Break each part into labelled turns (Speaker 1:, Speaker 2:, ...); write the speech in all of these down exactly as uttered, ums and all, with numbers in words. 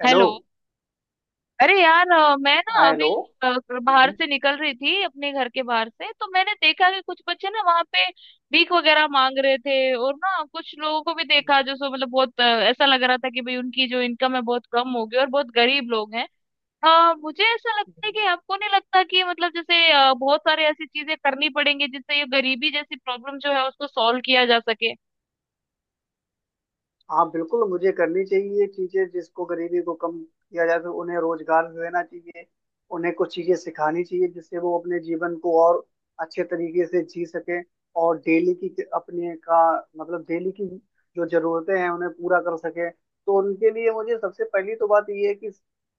Speaker 1: Hello.
Speaker 2: Hello. अरे यार, अ, मैं ना
Speaker 1: हाँ,
Speaker 2: अभी
Speaker 1: हेलो।
Speaker 2: अ, बाहर
Speaker 1: हम्म,
Speaker 2: से निकल रही थी अपने घर के बाहर से, तो मैंने देखा कि कुछ बच्चे ना वहाँ पे भीख वगैरह मांग रहे थे, और ना कुछ लोगों को भी देखा जो सो मतलब बहुत अ, ऐसा लग रहा था कि भाई उनकी जो इनकम है बहुत कम हो गई और बहुत गरीब लोग हैं। हाँ, मुझे ऐसा लगता है
Speaker 1: हम्म,
Speaker 2: कि आपको नहीं लगता कि मतलब जैसे अ, बहुत सारे ऐसी चीजें करनी पड़ेंगी जिससे ये गरीबी जैसी प्रॉब्लम जो है उसको सॉल्व किया जा सके?
Speaker 1: हाँ बिल्कुल, मुझे करनी चाहिए चीजें जिसको गरीबी को कम किया जा सके। उन्हें रोजगार देना चाहिए, उन्हें कुछ चीजें सिखानी चाहिए जिससे वो अपने जीवन को और अच्छे तरीके से जी सके। और डेली की अपने का मतलब डेली की जो जरूरतें हैं उन्हें पूरा कर सके। तो उनके लिए मुझे सबसे पहली तो बात ये है कि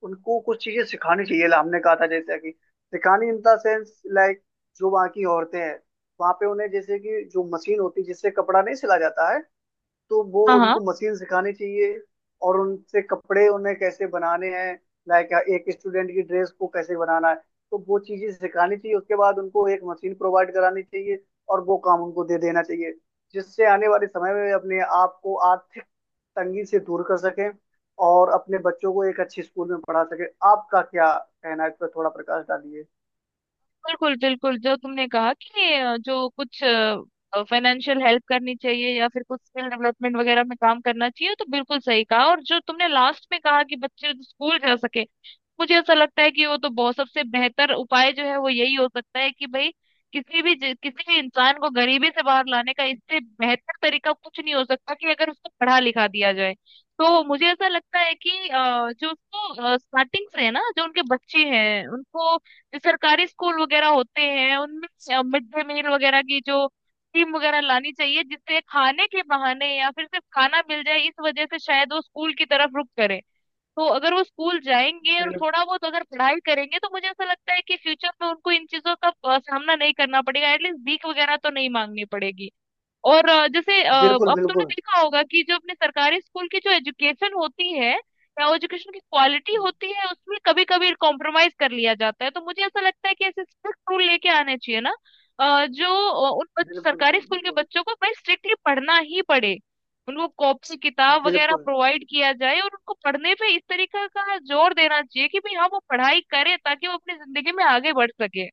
Speaker 1: उनको कुछ चीजें सिखानी चाहिए, हमने कहा था जैसे कि सिखानी इन द सेंस लाइक, जो वहाँ की औरतें हैं वहाँ पे उन्हें जैसे कि जो मशीन होती है जिससे कपड़ा नहीं सिला जाता है तो वो
Speaker 2: हाँ हाँ,
Speaker 1: उनको मशीन सिखानी चाहिए और उनसे कपड़े उन्हें कैसे बनाने हैं, लाइक एक स्टूडेंट की ड्रेस को कैसे बनाना है। तो वो चीजें सिखानी चाहिए, उसके बाद उनको एक मशीन प्रोवाइड करानी चाहिए और वो काम उनको दे देना चाहिए जिससे आने वाले समय में अपने आप को आर्थिक तंगी से दूर कर सकें और अपने बच्चों को एक अच्छे स्कूल में पढ़ा सके। आपका क्या कहना है इस पर? थोड़ा प्रकाश डालिए।
Speaker 2: बिल्कुल बिल्कुल। जो तुमने कहा कि अ, जो कुछ फाइनेंशियल हेल्प करनी चाहिए या फिर कुछ स्किल डेवलपमेंट वगैरह में काम करना चाहिए, तो बिल्कुल सही कहा। और जो तुमने लास्ट में कहा कि बच्चे स्कूल जा सके, मुझे ऐसा लगता है कि वो तो बहुत सबसे बेहतर उपाय जो है वो यही हो सकता है कि भाई किसी भी ज- किसी भी इंसान को गरीबी से बाहर लाने का इससे बेहतर तरीका कुछ नहीं हो सकता कि अगर उसको पढ़ा लिखा दिया जाए। तो मुझे ऐसा लगता है कि अ, जो उसको स्टार्टिंग से है ना, जो उनके बच्चे हैं उनको जो सरकारी स्कूल वगैरह होते हैं उनमें मिड डे मील वगैरह की जो स्कीम वगैरह लानी चाहिए, जिससे खाने के बहाने या फिर सिर्फ खाना मिल जाए इस वजह से शायद वो स्कूल की तरफ रुख करें। तो अगर वो स्कूल जाएंगे और
Speaker 1: बिल-
Speaker 2: थोड़ा बहुत अगर पढ़ाई करेंगे तो मुझे ऐसा लगता है कि फ्यूचर में उनको इन चीजों का अ, सामना नहीं करना पड़ेगा, एटलीस्ट भीख वगैरह तो नहीं मांगनी पड़ेगी। और अ, जैसे, अ,
Speaker 1: बिल्कुल
Speaker 2: अब तुमने
Speaker 1: बिल्कुल
Speaker 2: देखा होगा कि जो अपने सरकारी स्कूल की जो एजुकेशन होती है या एजुकेशन की क्वालिटी होती है उसमें कभी कभी कॉम्प्रोमाइज कर लिया जाता है, तो मुझे ऐसा लगता है कि ऐसे स्ट्रिक्ट रूल लेके आने चाहिए ना। अ, जो अ, उन बच-
Speaker 1: बिल्कुल
Speaker 2: सरकारी स्कूल के
Speaker 1: बिल्कुल
Speaker 2: बच्चों को भाई स्ट्रिक्टली पढ़ना ही पड़े, उनको कॉपी किताब वगैरह
Speaker 1: बिल्कुल
Speaker 2: प्रोवाइड किया जाए और उनको पढ़ने पे इस तरीके का जोर देना चाहिए कि भाई हाँ वो पढ़ाई करे ताकि वो अपनी जिंदगी में आगे बढ़ सके।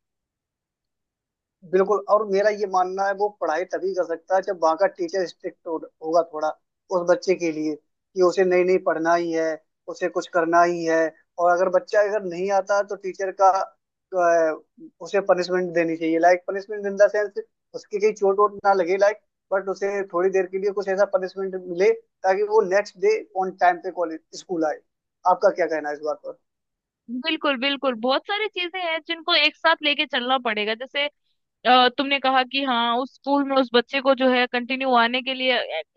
Speaker 1: बिल्कुल और मेरा ये मानना है वो पढ़ाई तभी कर सकता है जब वहाँ का टीचर स्ट्रिक्ट हो, होगा थोड़ा उस बच्चे के लिए कि उसे नहीं नहीं पढ़ना ही है, उसे कुछ करना ही है। और अगर बच्चा अगर नहीं आता है, तो टीचर का अ, उसे पनिशमेंट देनी चाहिए, like punishment in the sense उसकी कहीं चोट वोट ना लगे, लाइक, बट उसे थोड़ी देर के लिए कुछ ऐसा पनिशमेंट मिले ताकि वो नेक्स्ट डे ऑन टाइम पे कॉलेज स्कूल आए। आपका क्या कहना है इस बात पर?
Speaker 2: बिल्कुल बिल्कुल। बहुत सारी चीजें हैं जिनको एक साथ लेके चलना पड़ेगा। जैसे अ, तुमने कहा कि हाँ उस स्कूल में उस बच्चे को जो है कंटिन्यू आने के लिए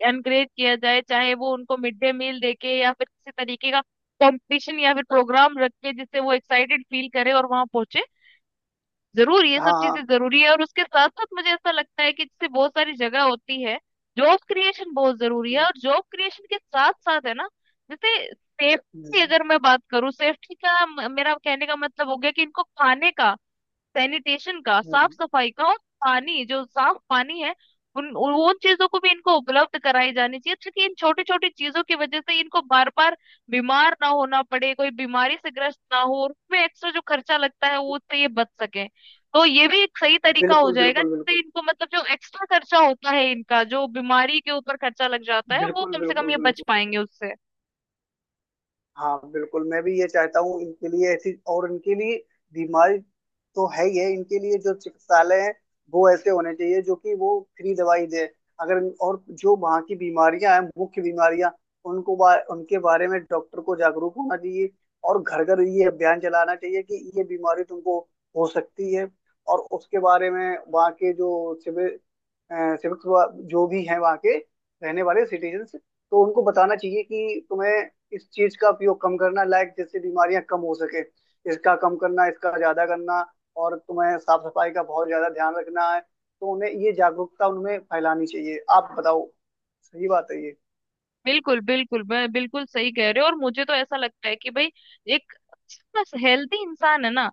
Speaker 2: एनकरेज किया जाए, चाहे वो उनको मिड डे मील देके या फिर किसी तरीके का कंपटीशन या फिर प्रोग्राम रख के, जिससे वो एक्साइटेड फील करे और वहां पहुंचे। जरूर ये सब
Speaker 1: हाँ,
Speaker 2: चीजें
Speaker 1: हाँ।
Speaker 2: जरूरी है, और उसके साथ साथ मुझे ऐसा लगता है कि जैसे बहुत सारी जगह होती है, जॉब क्रिएशन बहुत जरूरी है।
Speaker 1: हम्म,
Speaker 2: और जॉब क्रिएशन के साथ साथ है ना, जैसे सेफ्टी।
Speaker 1: हम्म,
Speaker 2: अगर मैं बात करूँ सेफ्टी का, म- मेरा कहने का मतलब हो गया कि इनको खाने का, सैनिटेशन का, साफ
Speaker 1: हम्म।
Speaker 2: सफाई का, और पानी, जो साफ पानी है, उन उन चीजों को भी इनको उपलब्ध कराई जानी चाहिए ताकि इन छोटी छोटी चीजों की वजह से इनको बार बार बीमार ना होना पड़े, कोई बीमारी से ग्रस्त ना हो, और उसमें एक्स्ट्रा जो खर्चा लगता है वो उससे ये बच सके। तो ये भी एक सही तरीका हो
Speaker 1: बिल्कुल
Speaker 2: जाएगा
Speaker 1: बिल्कुल
Speaker 2: जिससे
Speaker 1: बिल्कुल
Speaker 2: इनको मतलब जो एक्स्ट्रा खर्चा होता है इनका, जो बीमारी के ऊपर खर्चा लग जाता है वो
Speaker 1: बिल्कुल
Speaker 2: कम से कम
Speaker 1: बिल्कुल
Speaker 2: ये बच
Speaker 1: बिल्कुल
Speaker 2: पाएंगे उससे।
Speaker 1: हाँ बिल्कुल, मैं भी ये चाहता हूँ इनके लिए ऐसी। और इनके लिए बीमारी तो है ही है, इनके लिए जो चिकित्सालय है वो ऐसे होने चाहिए जो कि वो फ्री दवाई दे। अगर और जो वहाँ की बीमारियां हैं, मुख्य बीमारियां उनको बा, उनके बारे में डॉक्टर को जागरूक होना चाहिए। और घर घर ये अभियान चलाना चाहिए कि ये बीमारी तुमको हो सकती है। और उसके बारे में वहाँ के जो सिविक सिविक जो भी हैं वहाँ के रहने वाले सिटीजन्स, तो उनको बताना चाहिए कि तुम्हें इस चीज का उपयोग कम करना, लाइक जैसे बीमारियां कम हो सके, इसका कम करना इसका ज्यादा करना। और तुम्हें साफ सफाई का बहुत ज्यादा ध्यान रखना है। तो उन्हें ये जागरूकता उनमें फैलानी चाहिए। आप बताओ, सही बात है ये?
Speaker 2: बिल्कुल बिल्कुल, मैं बिल्कुल सही कह रहे हो। और मुझे तो ऐसा लगता है कि भाई एक हेल्दी इंसान है ना,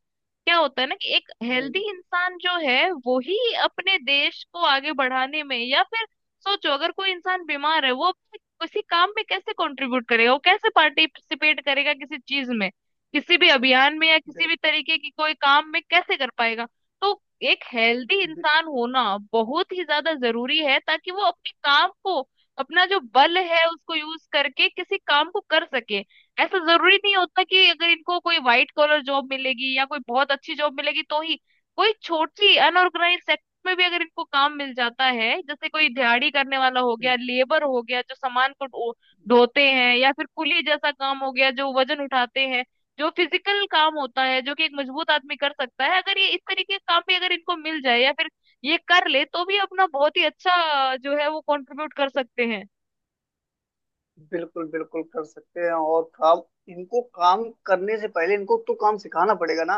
Speaker 2: क्या होता है ना कि एक हेल्दी
Speaker 1: हम्म,
Speaker 2: इंसान जो है वो ही अपने देश को आगे बढ़ाने में, या फिर सोचो अगर कोई इंसान बीमार है वो अपने किसी काम में कैसे कंट्रीब्यूट करेगा, वो कैसे पार्टिसिपेट करेगा किसी चीज में, किसी भी अभियान में या किसी
Speaker 1: बिल-
Speaker 2: भी तरीके की कोई काम में कैसे कर पाएगा? तो एक हेल्दी इंसान होना बहुत ही ज्यादा जरूरी है, ताकि वो अपने काम को, अपना जो बल है उसको यूज करके किसी काम को कर सके। ऐसा जरूरी नहीं होता कि अगर इनको कोई व्हाइट कॉलर जॉब मिलेगी या कोई बहुत अच्छी जॉब मिलेगी तो ही, कोई छोटी अनऑर्गेनाइज सेक्टर में भी अगर इनको काम मिल जाता है, जैसे कोई दिहाड़ी करने वाला हो गया,
Speaker 1: बिल-
Speaker 2: लेबर हो गया, जो सामान को ढो- ढोते हैं, या फिर कुली जैसा काम हो गया जो वजन उठाते हैं, जो फिजिकल काम होता है जो कि एक मजबूत आदमी कर सकता है, अगर ये इस तरीके का काम भी अगर इनको मिल जाए या फिर ये कर ले, तो भी अपना बहुत ही अच्छा अ, जो है वो कंट्रीब्यूट कर सकते हैं।
Speaker 1: बिल्कुल बिल्कुल कर सकते हैं। और काम, इनको काम करने से पहले इनको तो काम सिखाना पड़ेगा ना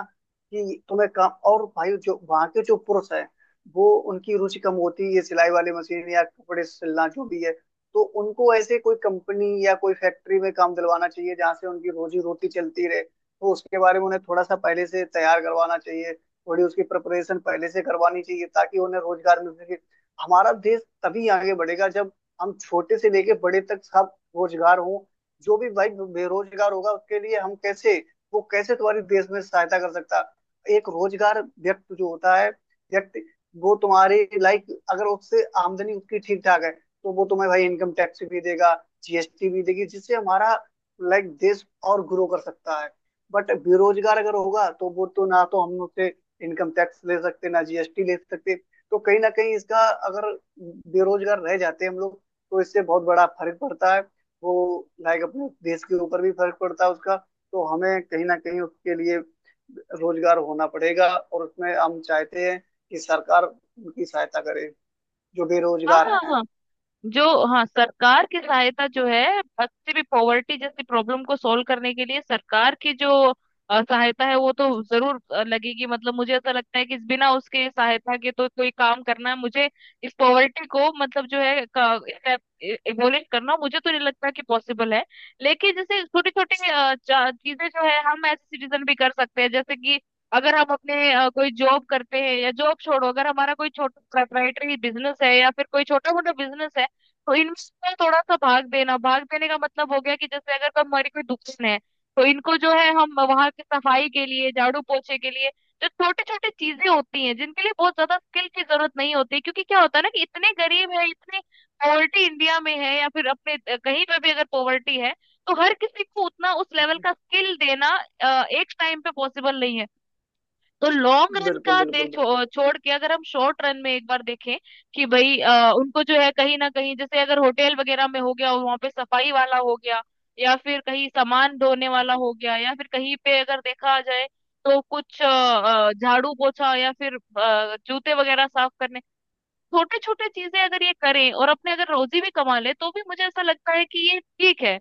Speaker 1: कि तुम्हें काम। और भाई जो वहाँ के जो पुरुष हैं वो, उनकी रुचि कम होती है ये सिलाई वाली मशीन या कपड़े सिलना जो भी है, तो उनको ऐसे कोई कंपनी या कोई फैक्ट्री में काम दिलवाना चाहिए जहाँ से उनकी रोजी रोटी चलती रहे। तो उसके बारे में उन्हें थोड़ा सा पहले से तैयार करवाना चाहिए, थोड़ी उसकी प्रिपरेशन पहले से करवानी चाहिए ताकि उन्हें रोजगार मिल सके। हमारा देश तभी आगे बढ़ेगा जब हम छोटे से लेके बड़े तक सब रोजगार हो। जो भी भाई बेरोजगार होगा उसके लिए हम कैसे, वो कैसे तुम्हारी देश में सहायता कर सकता। एक रोजगार व्यक्ति जो होता है व्यक्ति, वो तुम्हारे लाइक, अगर उससे आमदनी उसकी ठीक ठाक है तो वो तुम्हें भाई इनकम टैक्स भी देगा, जीएसटी भी देगी, जिससे हमारा लाइक देश और ग्रो कर सकता है। बट बेरोजगार अगर होगा तो वो तो, ना तो हम उससे इनकम टैक्स ले सकते ना जीएसटी ले सकते। तो कहीं ना कहीं इसका, अगर बेरोजगार रह जाते हम लोग, तो इससे बहुत बड़ा फर्क पड़ता है, वो लाइक अपने देश के ऊपर भी फर्क पड़ता है उसका। तो हमें कहीं ना कहीं उसके लिए रोजगार होना पड़ेगा। और उसमें हम चाहते हैं कि सरकार उनकी सहायता करे जो
Speaker 2: हाँ
Speaker 1: बेरोजगार
Speaker 2: हाँ
Speaker 1: हैं।
Speaker 2: हाँ। जो हाँ, सरकार की सहायता जो है किसी भी पॉवर्टी जैसी प्रॉब्लम को सॉल्व करने के लिए, सरकार की जो अ, सहायता है वो तो जरूर अ, लगेगी। मतलब मुझे ऐसा लगता है कि बिना उसके सहायता के तो कोई काम करना, मुझे इस पॉवर्टी को मतलब जो है एबोलिश करना मुझे तो नहीं लगता कि पॉसिबल है। लेकिन जैसे छोटी छोटी चीजें जो है हम एज सिटीजन भी कर सकते हैं, जैसे कि अगर हम अपने अ, कोई जॉब करते हैं, या जॉब छोड़ो, अगर हमारा कोई छोटा प्रोप्राइटरी बिजनेस है या फिर कोई छोटा मोटा बिजनेस है, तो इनमें थोड़ा सा भाग देना, भाग देने का मतलब हो गया कि जैसे अगर कोई हमारी कोई दुकान है तो इनको जो है हम वहां की सफाई के लिए, झाड़ू पोछे के लिए, जो छोटी छोटी चीजें होती हैं जिनके लिए बहुत ज्यादा स्किल की जरूरत नहीं होती, क्योंकि क्या होता है ना कि इतने गरीब है, इतने पॉवर्टी इंडिया में है, या फिर अपने अ, कहीं पे भी अगर पॉवर्टी है, तो हर किसी को उतना उस लेवल का स्किल देना अ, एक टाइम पे पॉसिबल नहीं है। तो लॉन्ग रन
Speaker 1: बिल्कुल
Speaker 2: का
Speaker 1: बिल्कुल बिल्कुल
Speaker 2: देखो छोड़ के, अगर हम शॉर्ट रन में एक बार देखें कि भाई अ, उनको जो है कहीं ना कहीं जैसे अगर होटल वगैरह में हो गया वहां पे सफाई वाला हो गया, या फिर कहीं सामान धोने वाला हो गया, या फिर कहीं पे अगर देखा जाए तो कुछ अ, अ, झाड़ू पोछा या फिर अ, जूते वगैरह साफ करने, छोटे छोटे चीजें अगर ये करें और अपने अगर रोजी भी कमा ले, तो भी मुझे ऐसा लगता है कि ये ठीक है।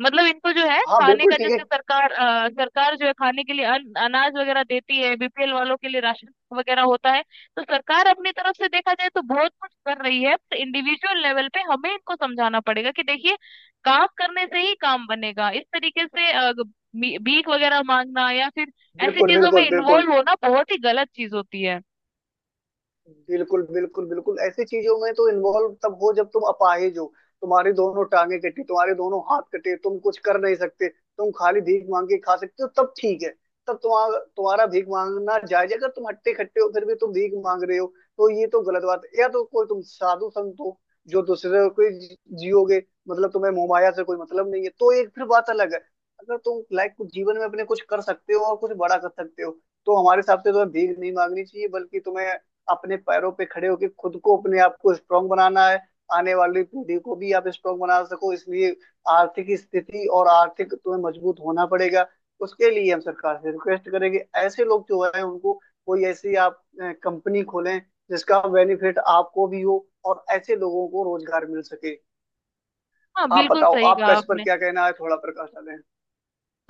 Speaker 2: मतलब इनको जो है
Speaker 1: हाँ
Speaker 2: खाने
Speaker 1: बिल्कुल,
Speaker 2: का,
Speaker 1: ठीक है।
Speaker 2: जैसे सरकार अ, सरकार जो है खाने के लिए अन, अनाज वगैरह देती है, बी पी एल वालों के लिए राशन वगैरह होता है। तो सरकार अपनी तरफ से देखा जाए तो बहुत कुछ कर रही है, तो इंडिविजुअल लेवल पे हमें इनको समझाना पड़ेगा कि देखिए, काम करने से ही काम बनेगा। इस तरीके से अ, ग- भी- भीख वगैरह मांगना, या फिर ऐसी
Speaker 1: बिल्कुल
Speaker 2: चीजों में
Speaker 1: बिल्कुल बिल्कुल
Speaker 2: इन्वॉल्व होना बहुत ही गलत चीज होती है।
Speaker 1: बिल्कुल बिल्कुल बिल्कुल ऐसी चीजों में तो इन्वॉल्व तब हो जब तुम अपाहिज हो, तुम्हारी दोनों टांगे कटी, तुम्हारे दोनों हाथ कटे, तुम कुछ कर नहीं सकते, तुम खाली भीख मांग के खा सकते हो, तब ठीक है, तब तुम्हारा तुम्हारा भीख मांगना जायज है। अगर तुम हट्टे खट्टे हो फिर भी तुम भीख मांग रहे हो तो ये तो गलत बात है। या तो कोई तुम साधु संत हो जो दूसरे को जी- जियोगे, मतलब तुम्हें मोहमाया से कोई मतलब नहीं है, तो एक फिर बात अलग है। अगर तुम लाइफ कुछ जीवन में अपने कुछ कर सकते हो और कुछ बड़ा कर सकते हो तो हमारे हिसाब से तुम्हें भीख नहीं मांगनी चाहिए, बल्कि तुम्हें अपने पैरों पे खड़े होके खुद को अपने आप को स्ट्रांग बनाना है। आने वाली पीढ़ी को भी आप स्ट्रांग बना सको, इसलिए आर्थिक स्थिति और आर्थिक तुम्हें मजबूत होना पड़ेगा। उसके लिए हम सरकार से रिक्वेस्ट करेंगे ऐसे लोग जो है उनको कोई ऐसी आप कंपनी खोलें जिसका बेनिफिट आपको भी हो और ऐसे लोगों को रोजगार मिल सके।
Speaker 2: हाँ,
Speaker 1: आप
Speaker 2: बिल्कुल
Speaker 1: बताओ,
Speaker 2: सही कहा
Speaker 1: आपका इस पर
Speaker 2: आपने।
Speaker 1: क्या कहना है? थोड़ा प्रकाश डालें।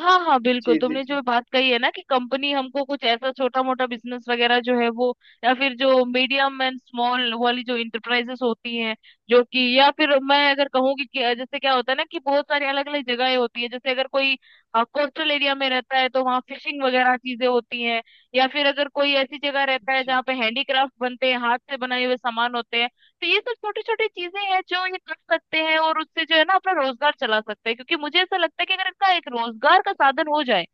Speaker 2: हाँ हाँ बिल्कुल।
Speaker 1: जी जी
Speaker 2: तुमने
Speaker 1: जी
Speaker 2: जो बात कही है ना कि कंपनी हमको कुछ ऐसा छोटा मोटा बिजनेस वगैरह जो है वो, या फिर जो मीडियम एंड स्मॉल वाली जो इंटरप्राइजेस होती हैं जो कि, या फिर मैं अगर कहूँगी कि कि जैसे, क्या होता है ना कि बहुत सारी अलग अलग जगहें होती है। जैसे अगर कोई, हाँ, कोस्टल एरिया में रहता है तो वहाँ फिशिंग वगैरह चीजें होती हैं, या फिर अगर कोई ऐसी जगह रहता है
Speaker 1: जी
Speaker 2: जहाँ पे हैंडीक्राफ्ट बनते हैं, हाथ से बनाए हुए सामान होते हैं, तो ये सब छोटी छोटी चीजें हैं जो ये कर सकते हैं और उससे जो है ना अपना रोजगार चला सकते हैं। क्योंकि मुझे ऐसा लगता है कि अगर इनका एक रोजगार का साधन हो जाए,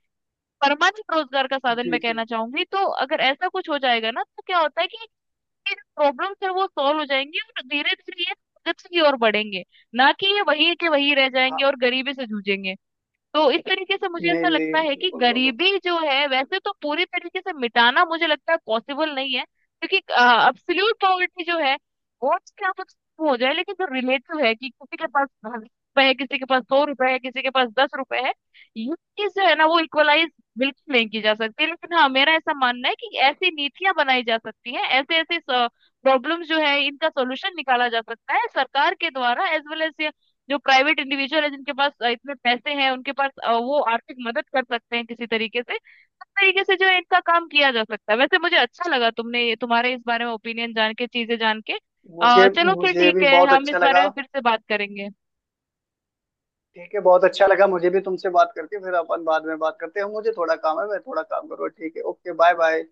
Speaker 2: परमानेंट रोजगार का साधन
Speaker 1: जी
Speaker 2: मैं कहना
Speaker 1: जी
Speaker 2: चाहूंगी, तो अगर ऐसा कुछ हो जाएगा ना तो क्या होता है कि ये प्रॉब्लम्स है वो सॉल्व हो जाएंगी, और धीरे धीरे ये प्रगति की ओर बढ़ेंगे, ना कि ये वही के वही रह
Speaker 1: हाँ।
Speaker 2: जाएंगे और गरीबी से जूझेंगे। तो इस तरीके से मुझे
Speaker 1: नहीं,
Speaker 2: ऐसा
Speaker 1: नहीं,
Speaker 2: लगता है कि
Speaker 1: बिल्कुल, बिल्कुल।
Speaker 2: गरीबी जो है वैसे तो पूरी तरीके से मिटाना मुझे लगता है पॉसिबल नहीं है, क्योंकि अब्सोल्यूट पॉवर्टी जो है वो चाहे आप उसको हो जाए, लेकिन जो रिलेटिव है कि किसी के पास सौ रुपए है, किसी के पास सौ रुपए है, किसी के पास दस रुपए है, ये चीज जो है ना वो इक्वलाइज बिल्कुल नहीं की जा सकती। लेकिन हाँ, मेरा ऐसा मानना है कि ऐसी नीतियां बनाई जा सकती हैं, ऐसे ऐसे प्रॉब्लम जो है इनका सोल्यूशन निकाला जा सकता है सरकार के द्वारा, एज वेल एज जो प्राइवेट इंडिविजुअल है जिनके पास अ, इतने पैसे हैं उनके पास, अ, वो आर्थिक मदद कर सकते हैं किसी तरीके से। उस तरीके से जो है इनका काम किया जा सकता है। वैसे मुझे अच्छा लगा तुमने ये- तुम्हारे इस बारे में ओपिनियन जान के, चीजें जान के। अ,
Speaker 1: मुझे,
Speaker 2: चलो फिर
Speaker 1: मुझे
Speaker 2: ठीक
Speaker 1: भी
Speaker 2: है,
Speaker 1: बहुत
Speaker 2: हम इस
Speaker 1: अच्छा
Speaker 2: बारे
Speaker 1: लगा।
Speaker 2: में फिर से बात करेंगे।
Speaker 1: ठीक है, बहुत अच्छा लगा मुझे भी तुमसे बात करके। फिर अपन बाद में बात करते हैं, मुझे थोड़ा काम है, मैं थोड़ा काम करूँ। ठीक है, ओके, बाय बाय।